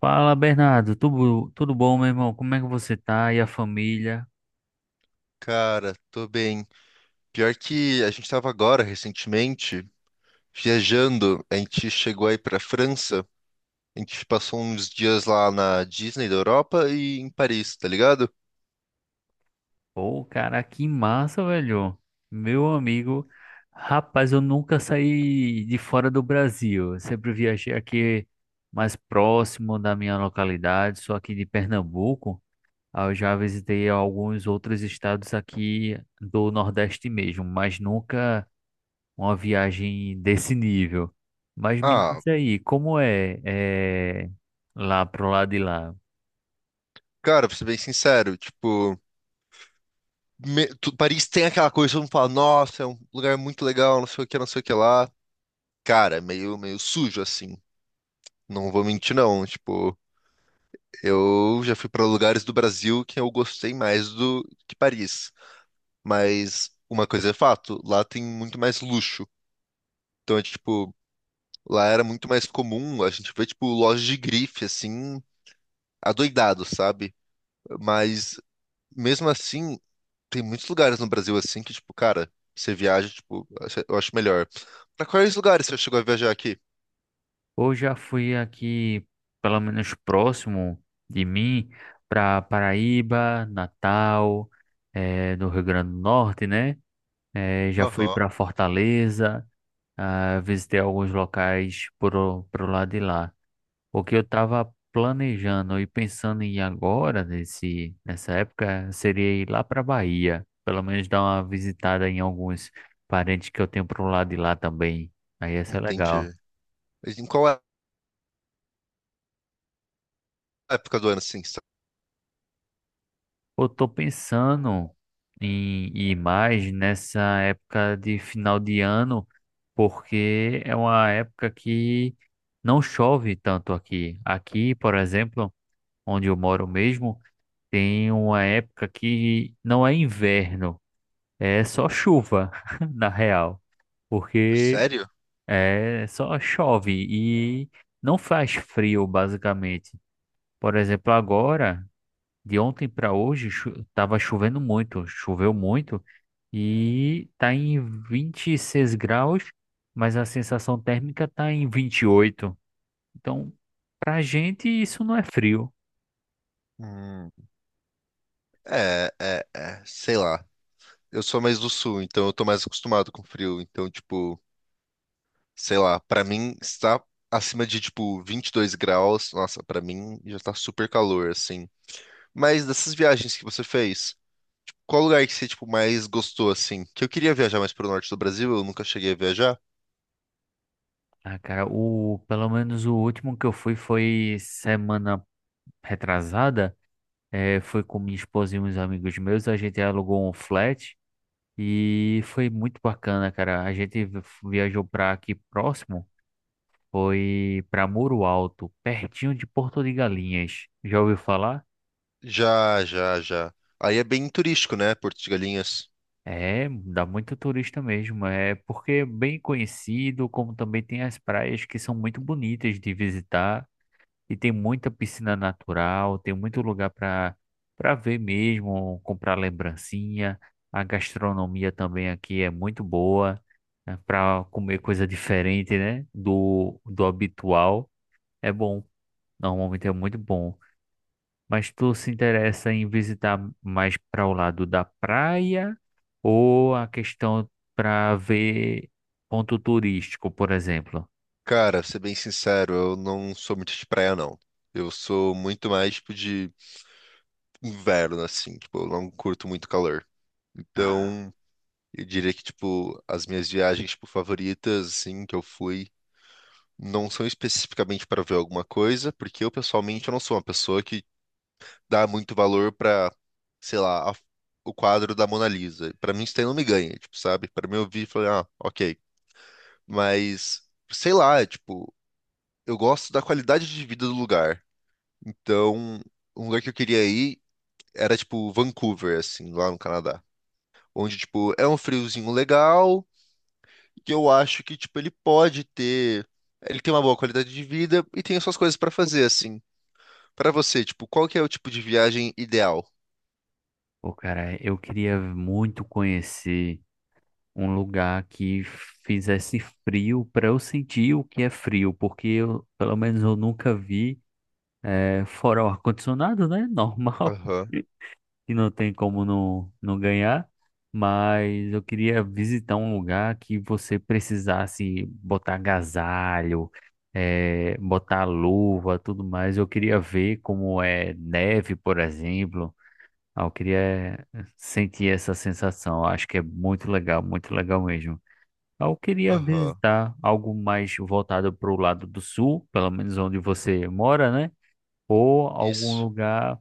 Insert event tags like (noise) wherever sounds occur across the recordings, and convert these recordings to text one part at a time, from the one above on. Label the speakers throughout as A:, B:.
A: Fala, Bernardo. Tudo bom, meu irmão? Como é que você tá? E a família?
B: Cara, tô bem. Pior que a gente tava agora, recentemente, viajando. A gente chegou aí pra França. A gente passou uns dias lá na Disney da Europa e em Paris, tá ligado?
A: Pô, cara, que massa, velho. Meu amigo, rapaz, eu nunca saí de fora do Brasil. Eu sempre viajei aqui mais próximo da minha localidade, sou aqui de Pernambuco. Eu já visitei alguns outros estados aqui do Nordeste mesmo, mas nunca uma viagem desse nível. Mas me
B: Ah,
A: diz aí, como é lá pro lado de lá?
B: cara, pra ser bem sincero, tipo, Paris tem aquela coisa, todo mundo fala, nossa, é um lugar muito legal, não sei o que, não sei o que lá. Cara, meio sujo, assim. Não vou mentir, não. Tipo, eu já fui pra lugares do Brasil que eu gostei mais do que Paris. Mas uma coisa é fato, lá tem muito mais luxo. Então é tipo, lá era muito mais comum, a gente vê tipo lojas de grife assim, adoidado, sabe? Mas mesmo assim, tem muitos lugares no Brasil assim que tipo, cara, você viaja, tipo, eu acho melhor. Pra quais lugares você chegou a viajar aqui?
A: Ou já fui aqui, pelo menos próximo de mim, para Paraíba, Natal, no Rio Grande do Norte, né? Já fui
B: Aham.
A: para Fortaleza, ah, visitei alguns locais por, pro lado de lá. O que eu estava planejando e pensando em ir agora, nessa época, seria ir lá para Bahia, pelo menos dar uma visitada em alguns parentes que eu tenho pro lado de lá também. Aí ia ser legal.
B: Entendi. Mas em qual época do ano assim?
A: Eu tô pensando em ir mais nessa época de final de ano, porque é uma época que não chove tanto aqui. Aqui, por exemplo, onde eu moro mesmo, tem uma época que não é inverno, é só chuva, (laughs) na real, porque
B: Sério?
A: é só chove e não faz frio, basicamente. Por exemplo, agora de ontem para hoje chu tava chovendo muito, choveu muito e tá em 26 graus, mas a sensação térmica tá em 28. Então, pra gente isso não é frio.
B: Hum, sei lá. Eu sou mais do sul, então eu tô mais acostumado com frio, então tipo sei lá, pra mim está acima de tipo 22 graus. Nossa, pra mim já tá super calor assim. Mas dessas viagens que você fez, qual lugar que você tipo mais gostou assim? Que eu queria viajar mais pro norte do Brasil, eu nunca cheguei a viajar.
A: Ah, cara, o pelo menos o último que eu fui foi semana retrasada, foi com minha esposa e uns amigos meus, a gente alugou um flat e foi muito bacana, cara. A gente viajou pra aqui próximo. Foi para Muro Alto, pertinho de Porto de Galinhas. Já ouviu falar?
B: Já, já, já. Aí é bem turístico, né, Porto de Galinhas.
A: É, dá muito turista mesmo. É porque é bem conhecido, como também tem as praias que são muito bonitas de visitar e tem muita piscina natural, tem muito lugar para ver mesmo, comprar lembrancinha. A gastronomia também aqui é muito boa, para comer coisa diferente, né? Do habitual. É bom. Normalmente é muito bom. Mas tu se interessa em visitar mais para o lado da praia ou a questão para ver ponto turístico, por exemplo?
B: Cara, ser bem sincero, eu não sou muito de praia não. Eu sou muito mais tipo de inverno assim, tipo, eu não curto muito calor.
A: Ah,
B: Então, eu diria que, tipo, as minhas viagens, tipo, favoritas, assim, que eu fui, não são especificamente para ver alguma coisa, porque eu, pessoalmente, eu não sou uma pessoa que dá muito valor para, sei lá, o quadro da Mona Lisa. Para mim, isso daí não me ganha, tipo, sabe? Para mim, eu vi e falei, ah, ok. Mas, sei lá, é, tipo, eu gosto da qualidade de vida do lugar. Então, um lugar que eu queria ir era, tipo, Vancouver, assim, lá no Canadá. Onde, tipo, é um friozinho legal que eu acho que, tipo, ele pode ter. Ele tem uma boa qualidade de vida e tem as suas coisas pra fazer, assim. Pra você, tipo, qual que é o tipo de viagem ideal?
A: Pô, cara, eu queria muito conhecer um lugar que fizesse frio para eu sentir o que é frio, porque eu, pelo menos eu nunca vi fora o ar-condicionado, né? Normal.
B: Aham,
A: (laughs) Que não tem como não ganhar, mas eu queria visitar um lugar que você precisasse botar agasalho, botar luva, tudo mais. Eu queria ver como é neve, por exemplo. Eu queria sentir essa sensação. Eu acho que é muito legal mesmo. Eu queria
B: aham.
A: visitar algo mais voltado para o lado do sul, pelo menos onde você mora, né? Ou algum
B: Isso.
A: lugar.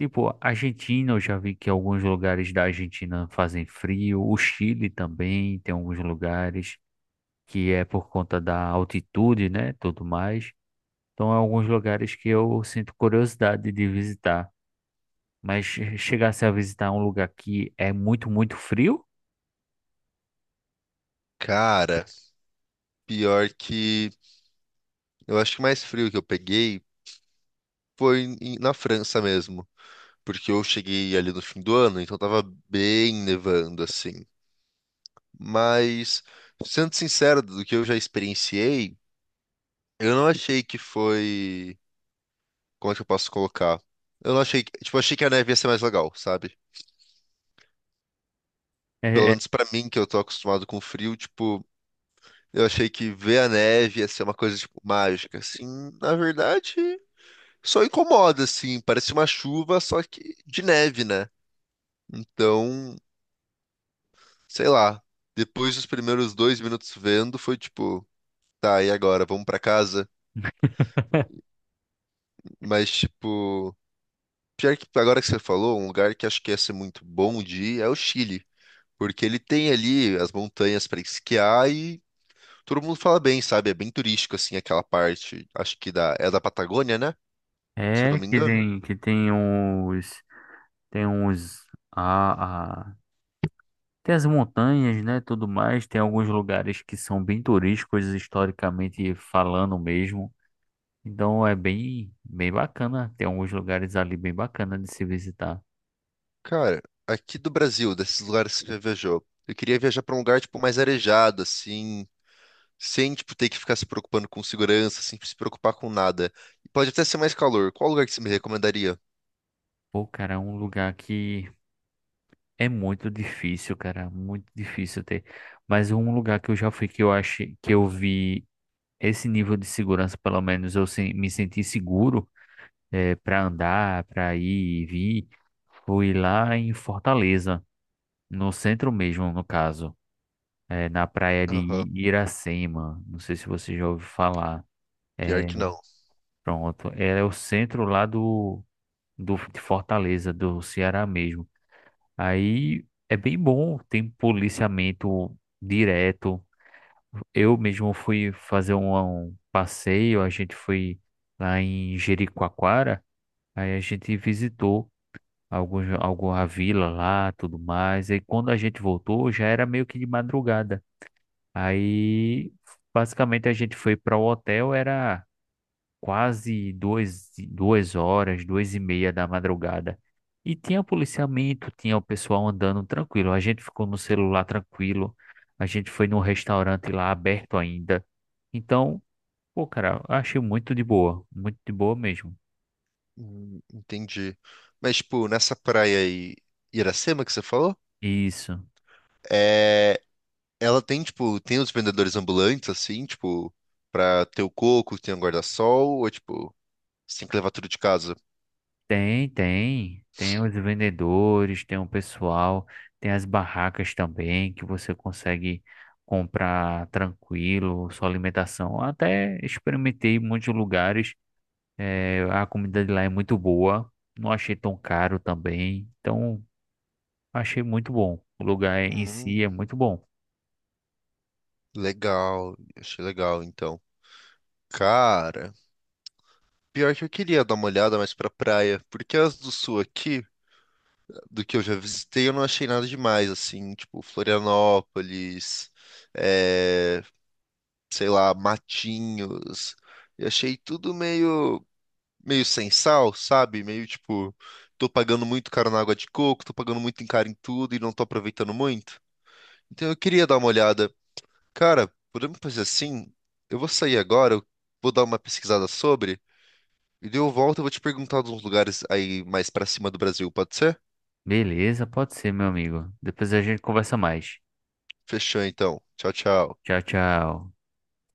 A: Tipo, Argentina, eu já vi que alguns lugares da Argentina fazem frio. O Chile também tem alguns lugares que é por conta da altitude, né? Tudo mais. Então, é alguns lugares que eu sinto curiosidade de visitar. Mas chegasse a visitar um lugar que é muito, muito frio,
B: Cara, pior que. Eu acho que o mais frio que eu peguei foi na França mesmo. Porque eu cheguei ali no fim do ano, então tava bem nevando, assim. Mas, sendo sincero, do que eu já experienciei, eu não achei que foi. Como é que eu posso colocar? Eu não achei, tipo, achei que a neve ia ser mais legal, sabe? Pelo
A: é.
B: menos pra mim, que eu tô acostumado com frio, tipo, eu achei que ver a neve ia ser uma coisa, tipo, mágica. Assim, na verdade, só incomoda, assim, parece uma chuva, só que de neve, né? Então, sei lá, depois dos primeiros 2 minutos vendo, foi tipo, tá, e agora, vamos pra casa?
A: (laughs)
B: Mas, tipo, pior que agora que você falou, um lugar que acho que ia ser muito bom de ir é o Chile. Porque ele tem ali as montanhas para esquiar e todo mundo fala bem, sabe? É bem turístico, assim, aquela parte. Acho que é da Patagônia, né? Se eu não
A: É
B: me
A: que
B: engano.
A: tem uns, tem uns, a, tem as montanhas, né, tudo mais, tem alguns lugares que são bem turísticos, historicamente falando mesmo. Então é bem, bem bacana, tem alguns lugares ali bem bacana de se visitar.
B: Cara, aqui do Brasil, desses lugares que você já viajou, eu queria viajar para um lugar, tipo, mais arejado, assim, sem, tipo, ter que ficar se preocupando com segurança, sem se preocupar com nada. E pode até ser mais calor. Qual lugar que você me recomendaria?
A: Pô, cara, é um lugar que é muito difícil, cara, muito difícil ter. Mas um lugar que eu já fui que eu achei, que eu vi esse nível de segurança, pelo menos eu me senti seguro para andar, para ir e vir, fui lá em Fortaleza, no centro mesmo, no caso. Na praia de
B: Aham,
A: Iracema. Não sei se você já ouviu falar.
B: pior
A: É,
B: que não.
A: pronto. É o centro lá de Fortaleza, do Ceará mesmo. Aí é bem bom, tem policiamento direto. Eu mesmo fui fazer um passeio, a gente foi lá em Jericoacoara, aí a gente visitou alguma vila lá, tudo mais. E quando a gente voltou, já era meio que de madrugada. Aí, basicamente, a gente foi para o hotel, era quase duas horas, duas e meia da madrugada. E tinha policiamento, tinha o pessoal andando tranquilo. A gente ficou no celular tranquilo. A gente foi num restaurante lá aberto ainda. Então, pô, cara, eu achei muito de boa mesmo.
B: Entendi. Mas, tipo, nessa praia aí, Iracema que você falou?
A: Isso.
B: É. Ela tem, tipo, tem os vendedores ambulantes, assim, tipo, pra ter o coco, tem o guarda-sol, ou, tipo, você tem que levar tudo de casa?
A: Tem, tem. Tem os vendedores, tem o pessoal, tem as barracas também que você consegue comprar tranquilo, sua alimentação. Até experimentei muitos lugares. A comida de lá é muito boa. Não achei tão caro também. Então, achei muito bom. O lugar em si
B: Hum,
A: é muito bom.
B: legal, achei legal, então. Cara, pior que eu queria dar uma olhada mais pra praia, porque as do sul aqui, do que eu já visitei, eu não achei nada demais, assim, tipo, Florianópolis, é, sei lá, Matinhos, eu achei tudo meio sem sal, sabe? Meio tipo, tô pagando muito caro na água de coco, tô pagando muito em caro em tudo e não tô aproveitando muito. Então eu queria dar uma olhada. Cara, podemos fazer assim? Eu vou sair agora, eu vou dar uma pesquisada sobre, e daí eu volto e vou te perguntar de uns lugares aí mais pra cima do Brasil, pode ser?
A: Beleza, pode ser, meu amigo. Depois a gente conversa mais.
B: Fechou então. Tchau, tchau.
A: Tchau, tchau.